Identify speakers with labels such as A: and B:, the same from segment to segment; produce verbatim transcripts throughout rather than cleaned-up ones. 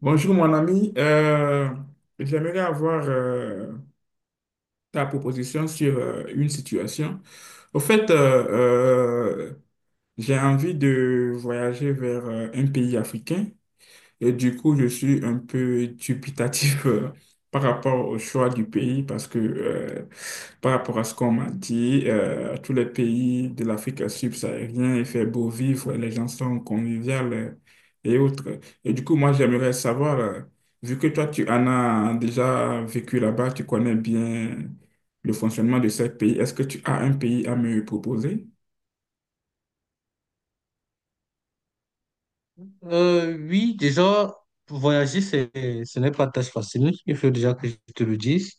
A: Bonjour mon ami. Euh, j'aimerais avoir euh, ta proposition sur euh, une situation. Au fait, euh, euh, j'ai envie de voyager vers euh, un pays africain, et du coup, je suis un peu dubitatif, euh, par rapport au choix du pays, parce que euh, par rapport à ce qu'on m'a dit, euh, tous les pays de l'Afrique subsaharienne, il fait beau vivre, les gens sont conviviaux, euh, et autres. Et du coup, moi, j'aimerais savoir, euh, vu que toi, tu en as déjà vécu là-bas, tu connais bien le fonctionnement de ces pays, est-ce que tu as un pays à me proposer?
B: Euh, oui, déjà, voyager, c'est, ce n'est pas tâche facile. Il faut déjà que je te le dise.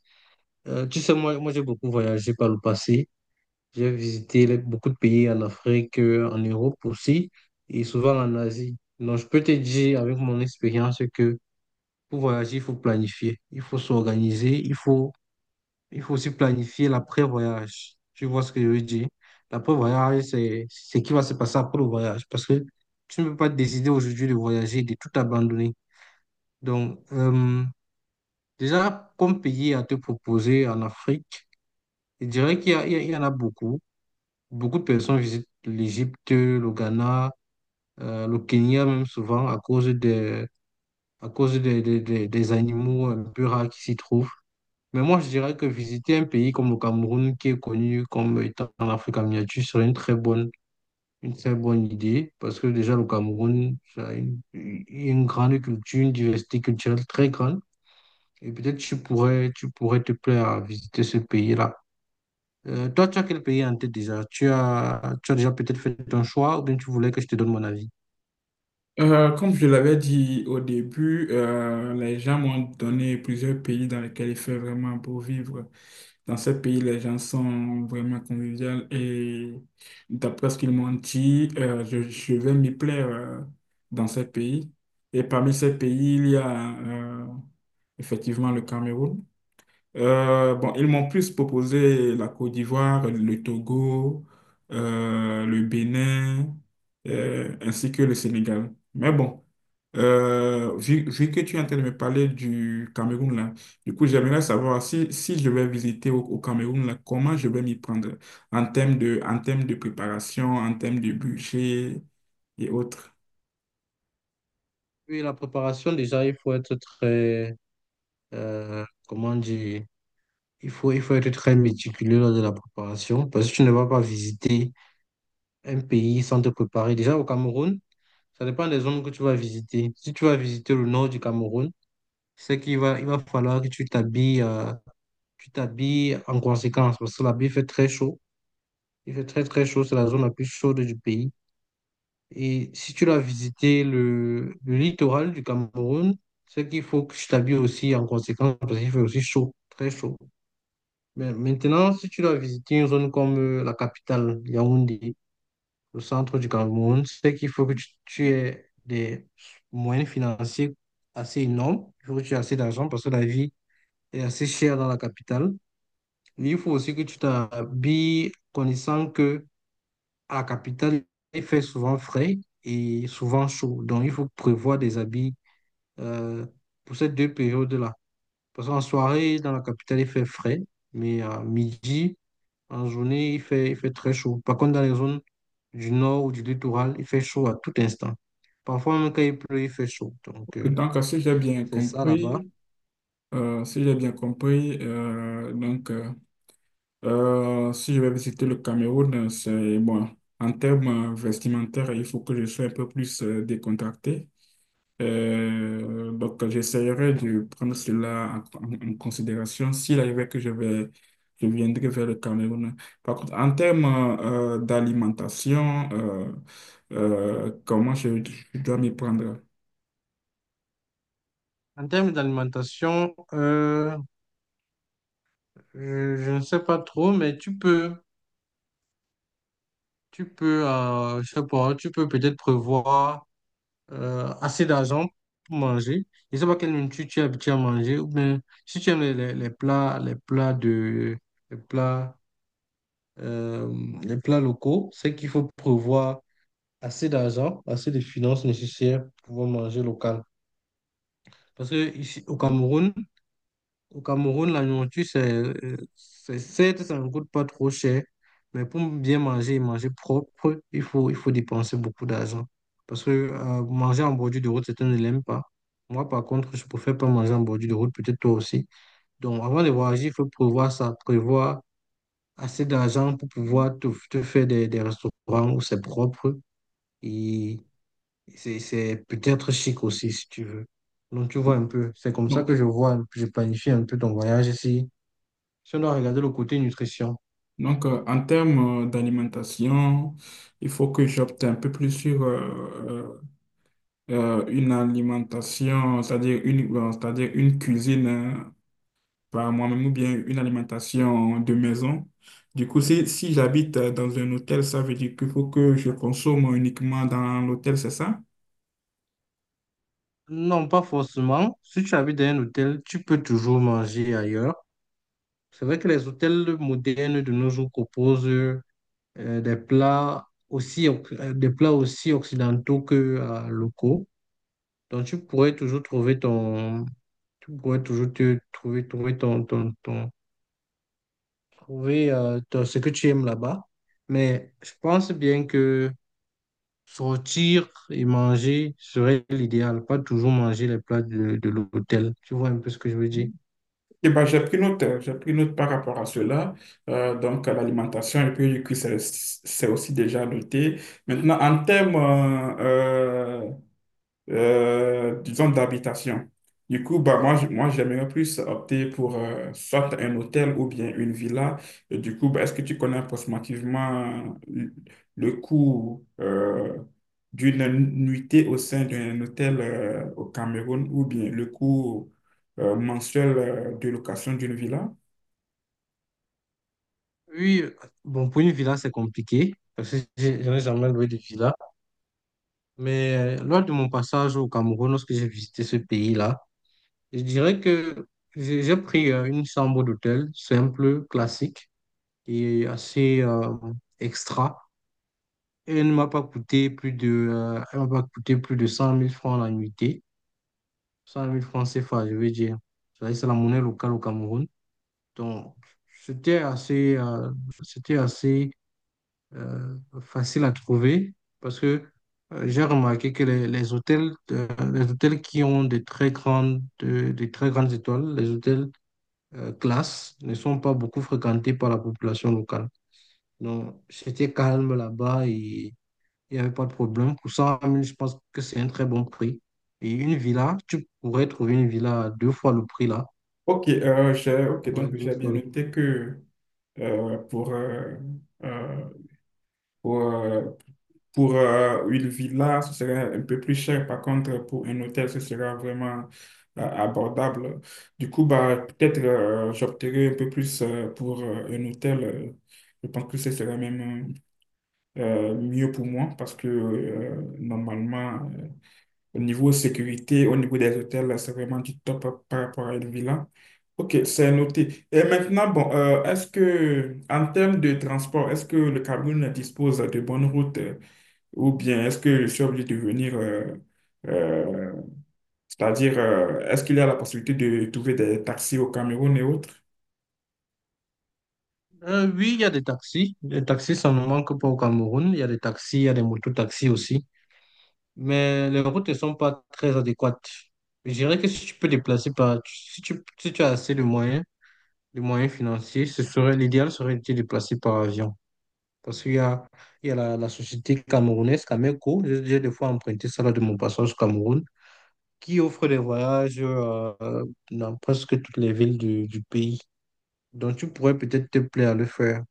B: Euh, tu sais, moi, moi j'ai beaucoup voyagé par le passé. J'ai visité les- beaucoup de pays en Afrique, euh, en Europe aussi, et souvent en Asie. Donc, je peux te dire avec mon expérience que pour voyager, il faut planifier, il faut s'organiser, il faut, il faut aussi planifier l'après-voyage. Tu vois ce que je veux dire? L'après-voyage, c'est, c'est ce qui va se passer après le voyage. Parce que tu ne peux pas décider aujourd'hui de voyager et de tout abandonner. Donc, euh, déjà, comme pays à te proposer en Afrique, je dirais qu'il y a- il y a- il y en a beaucoup. Beaucoup de personnes visitent l'Égypte, le Ghana, euh, le Kenya même souvent à cause des, à cause des, des, des- des animaux un peu rares qui s'y trouvent. Mais moi, je dirais que visiter un pays comme le Cameroun, qui est connu comme étant en Afrique en miniature, serait une très bonne, une très bonne idée parce que déjà, le Cameroun, ça a une, une grande culture, une diversité culturelle très grande. Et peut-être tu pourrais, tu pourrais te plaire à visiter ce pays-là. Euh, toi, tu as quel pays en tête déjà? Tu as, tu as déjà peut-être fait ton choix ou bien tu voulais que je te donne mon avis?
A: Euh, comme je l'avais dit au début, euh, les gens m'ont donné plusieurs pays dans lesquels il fait vraiment beau vivre. Dans ces pays, les gens sont vraiment conviviaux, et d'après ce qu'ils m'ont dit, euh, je, je vais m'y plaire euh, dans ces pays. Et parmi ces pays, il y a euh, effectivement le Cameroun. Euh, bon, ils m'ont plus proposé la Côte d'Ivoire, le Togo, euh, le Bénin, euh, ainsi que le Sénégal. Mais bon, euh, vu, vu que tu es en train de me parler du Cameroun, là, du coup, j'aimerais savoir si, si je vais visiter au, au Cameroun, là, comment je vais m'y prendre en termes de, en termes de préparation, en termes de budget et autres.
B: Oui, la préparation, déjà, il faut être très, euh, comment dire, il faut, il faut être très méticuleux lors de la préparation parce que tu ne vas pas visiter un pays sans te préparer. Déjà, au Cameroun, ça dépend des zones que tu vas visiter. Si tu vas visiter le nord du Cameroun, c'est qu'il va, il va falloir que tu t'habilles euh, tu t'habilles en conséquence parce que là-bas, il fait très chaud. Il fait très, très chaud. C'est la zone la plus chaude du pays. Et si tu vas visiter le, le littoral du Cameroun, c'est qu'il faut que tu t'habilles aussi en conséquence parce qu'il fait aussi chaud, très chaud. Mais maintenant, si tu dois visiter une zone comme euh, la capitale, Yaoundé, au centre du Cameroun, c'est qu'il faut que tu, tu aies des moyens financiers assez énormes, il faut que tu aies assez d'argent parce que la vie est assez chère dans la capitale. Mais il faut aussi que tu t'habilles connaissant que à la capitale, il fait souvent frais et souvent chaud. Donc, il faut prévoir des habits euh, pour ces deux périodes-là. Parce qu'en soirée, dans la capitale, il fait frais, mais à midi, en journée, il fait, il fait très chaud. Par contre, dans les zones du nord ou du littoral, il fait chaud à tout instant. Parfois, même quand il pleut, il fait chaud. Donc, euh,
A: Donc, si j'ai bien
B: c'est ça là-bas.
A: compris, euh, si j'ai bien compris, euh, donc... euh, Euh, si je vais visiter le Cameroun, euh, c'est bon. En termes euh, vestimentaires, il faut que je sois un peu plus euh, décontracté. Euh, donc, j'essaierai de prendre cela en, en- en considération s'il arrivait que je vais, je viendrai vers le Cameroun. Par contre, en termes euh, euh, d'alimentation, euh, euh, comment je, je dois m'y prendre?
B: En termes d'alimentation, euh, je, je ne sais pas trop, mais tu peux, tu peux, euh, je sais pas, tu peux peut-être prévoir euh, assez d'argent pour manger. Je ne sais pas quelle nourriture tu es habitué à manger, ou bien si tu aimes les, les- les plats, les plats de, les plats, euh, les plats locaux, c'est qu'il faut prévoir assez d'argent, assez de finances nécessaires pour pouvoir manger local. Parce que ici, au Cameroun, au Cameroun, la nourriture, c'est, euh, c'est- certes, ça ne coûte pas trop cher, mais pour bien manger et manger propre, il faut, il faut dépenser beaucoup d'argent. Parce que euh, manger en bordure de route, certains ne l'aiment pas. Moi, par contre, je préfère pas manger en bordure de route, peut-être toi aussi. Donc, avant de voyager, il faut prévoir ça, prévoir assez d'argent pour pouvoir te, te faire des, des restaurants où c'est propre. Et C'est, c'est peut-être chic aussi, si tu veux. Donc, tu vois un peu. C'est comme ça
A: Non.
B: que je vois, je planifie un peu ton voyage ici. Si on doit regarder le côté nutrition.
A: Donc, euh, en termes euh, d'alimentation, il faut que j'opte un peu plus sur euh, euh, une alimentation, c'est-à-dire une, bon, c'est-à-dire une cuisine hein, par moi-même, ou bien une alimentation de maison. Du coup, si, si j'habite euh, dans un hôtel, ça veut dire qu'il faut que je consomme uniquement dans l'hôtel, c'est ça?
B: Non, pas forcément. Si tu habites dans un hôtel, tu peux toujours manger ailleurs. C'est vrai que les hôtels modernes de nos jours proposent euh, des plats aussi, oc- euh, des plats aussi occidentaux que euh, locaux. Donc, tu pourrais toujours trouver ton, tu pourrais toujours te trouver, trouver ton, ton, ton- trouver euh, ton- ce que tu aimes là-bas. Mais je pense bien que sortir et manger serait l'idéal, pas toujours manger les plats de, de l'hôtel. Tu vois un peu ce que je veux dire?
A: Eh ben, j'ai pris note, euh, j'ai pris note par rapport à cela. Euh, donc, à l'alimentation, et puis du coup, c'est c'est aussi déjà noté. Maintenant, en termes euh, euh, euh, disons, d'habitation. Du coup, bah, moi, je- moi, j'aimerais plus opter pour euh, soit un hôtel ou bien une villa. Et du coup, bah, est-ce que tu connais approximativement le le coût euh, d'une nuitée au sein d'un hôtel euh, au Cameroun, ou bien le coût euh, mensuel euh, de location d'une villa?
B: Oui, euh, bon, pour une villa, c'est compliqué, parce que j'ai- je n'ai jamais loué de villa. Mais euh, lors de mon passage au Cameroun, lorsque j'ai visité ce pays-là, je dirais que j'ai j'ai pris euh, une chambre d'hôtel simple, classique, et assez euh, extra. Elle ne m'a pas coûté plus de, euh, elle m'a pas coûté plus de cent mille francs la nuitée. Cent mille francs CFA, je veux dire. Ça, C'est la monnaie locale au Cameroun. Donc, c'était assez, euh, c'était assez euh, facile à trouver parce que euh, j'ai remarqué que les, les hôtels, euh, les hôtels qui ont des très grandes, de- des très grandes étoiles, les hôtels euh, classe, ne sont pas beaucoup fréquentés par la population locale. Non, c'était calme là-bas et il n'y avait pas de problème. Pour cent mille, je pense que c'est un très bon prix. Et une villa, tu pourrais trouver une villa à deux fois le prix là.
A: Ok, euh, j'ai, ok,
B: Ouais,
A: donc
B: deux
A: j'ai bien
B: fois le-
A: noté que euh, pour, euh, euh, pour, euh, pour euh, une villa, ce serait un peu plus cher. Par contre, pour un hôtel, ce sera vraiment euh, abordable. Du coup, bah, peut-être euh, j'opterai un peu plus euh, pour euh, un hôtel. euh, Je pense que ce serait même euh, mieux pour moi, parce que euh, normalement, au niveau sécurité, au niveau des hôtels, c'est vraiment du top par par rapport à une villa. OK, c'est noté. Et maintenant, bon, euh, est-ce que, en termes de transport, est-ce que le Cameroun dispose de bonnes routes, euh, ou bien est-ce que je suis obligé de venir, euh, euh, c'est-à-dire, euh, est-ce qu'il y a la possibilité de trouver des taxis au Cameroun et autres?
B: Euh, oui, il y a des taxis. Les taxis, ça ne manque pas au Cameroun. Il y a des taxis, il y a des mototaxis aussi. Mais les routes ne sont pas très adéquates. Je dirais que si tu peux déplacer par... Si tu, si tu as assez de moyens, de moyens financiers, ce serait l'idéal serait de te déplacer par avion. Parce qu'il y a, il y a la, la société camerounaise Cameco, j'ai j'ai des fois emprunté ça là de mon passage au Cameroun, qui offre des voyages euh, dans presque toutes les villes du, du pays. Donc tu pourrais peut-être te plaire à le faire.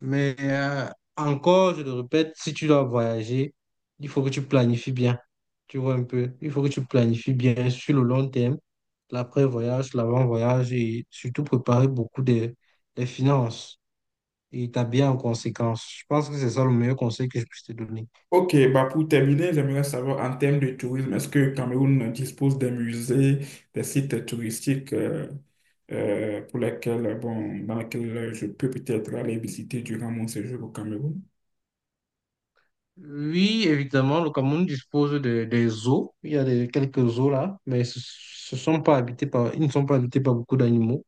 B: Mais euh, encore, je le répète, si tu dois voyager, il faut que tu planifies bien. Tu vois un peu, il faut que tu planifies bien sur le long terme, l'après-voyage, l'avant-voyage et surtout préparer beaucoup des des finances et t'habiller en conséquence. Je pense que c'est ça le meilleur conseil que je puisse te donner.
A: Ok, bah pour terminer, j'aimerais savoir, en termes de tourisme, est-ce que le Cameroun dispose des musées, des sites touristiques, euh, euh, pour lesquels, bon, dans lesquels je peux peut-être aller visiter durant mon séjour au Cameroun?
B: Oui, évidemment, le Cameroun dispose de- des eaux. Il y a des, quelques eaux là, mais ce, ce sont pas habités par, ils ne sont pas habités par beaucoup d'animaux.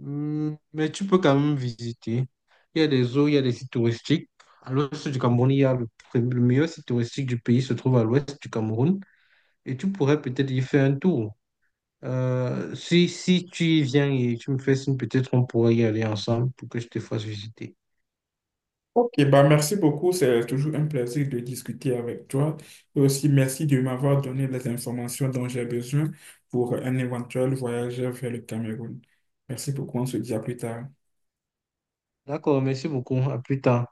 B: Hum. Mais tu peux quand même visiter. Il y a des eaux, il y a des sites touristiques. À l'ouest du Cameroun, il y a le, prim- le meilleur site touristique du pays, se trouve à l'ouest du Cameroun. Et tu pourrais peut-être y faire un tour. Euh, si, si tu y viens et tu me fais signe, peut-être on pourrait y aller ensemble pour que je te fasse visiter.
A: Ok, bah merci beaucoup, c'est toujours un plaisir de discuter avec toi. Et aussi, merci de m'avoir donné les informations dont j'ai besoin pour un éventuel voyage vers le Cameroun. Merci beaucoup, on se dit à plus tard.
B: D'accord, merci beaucoup. À plus tard.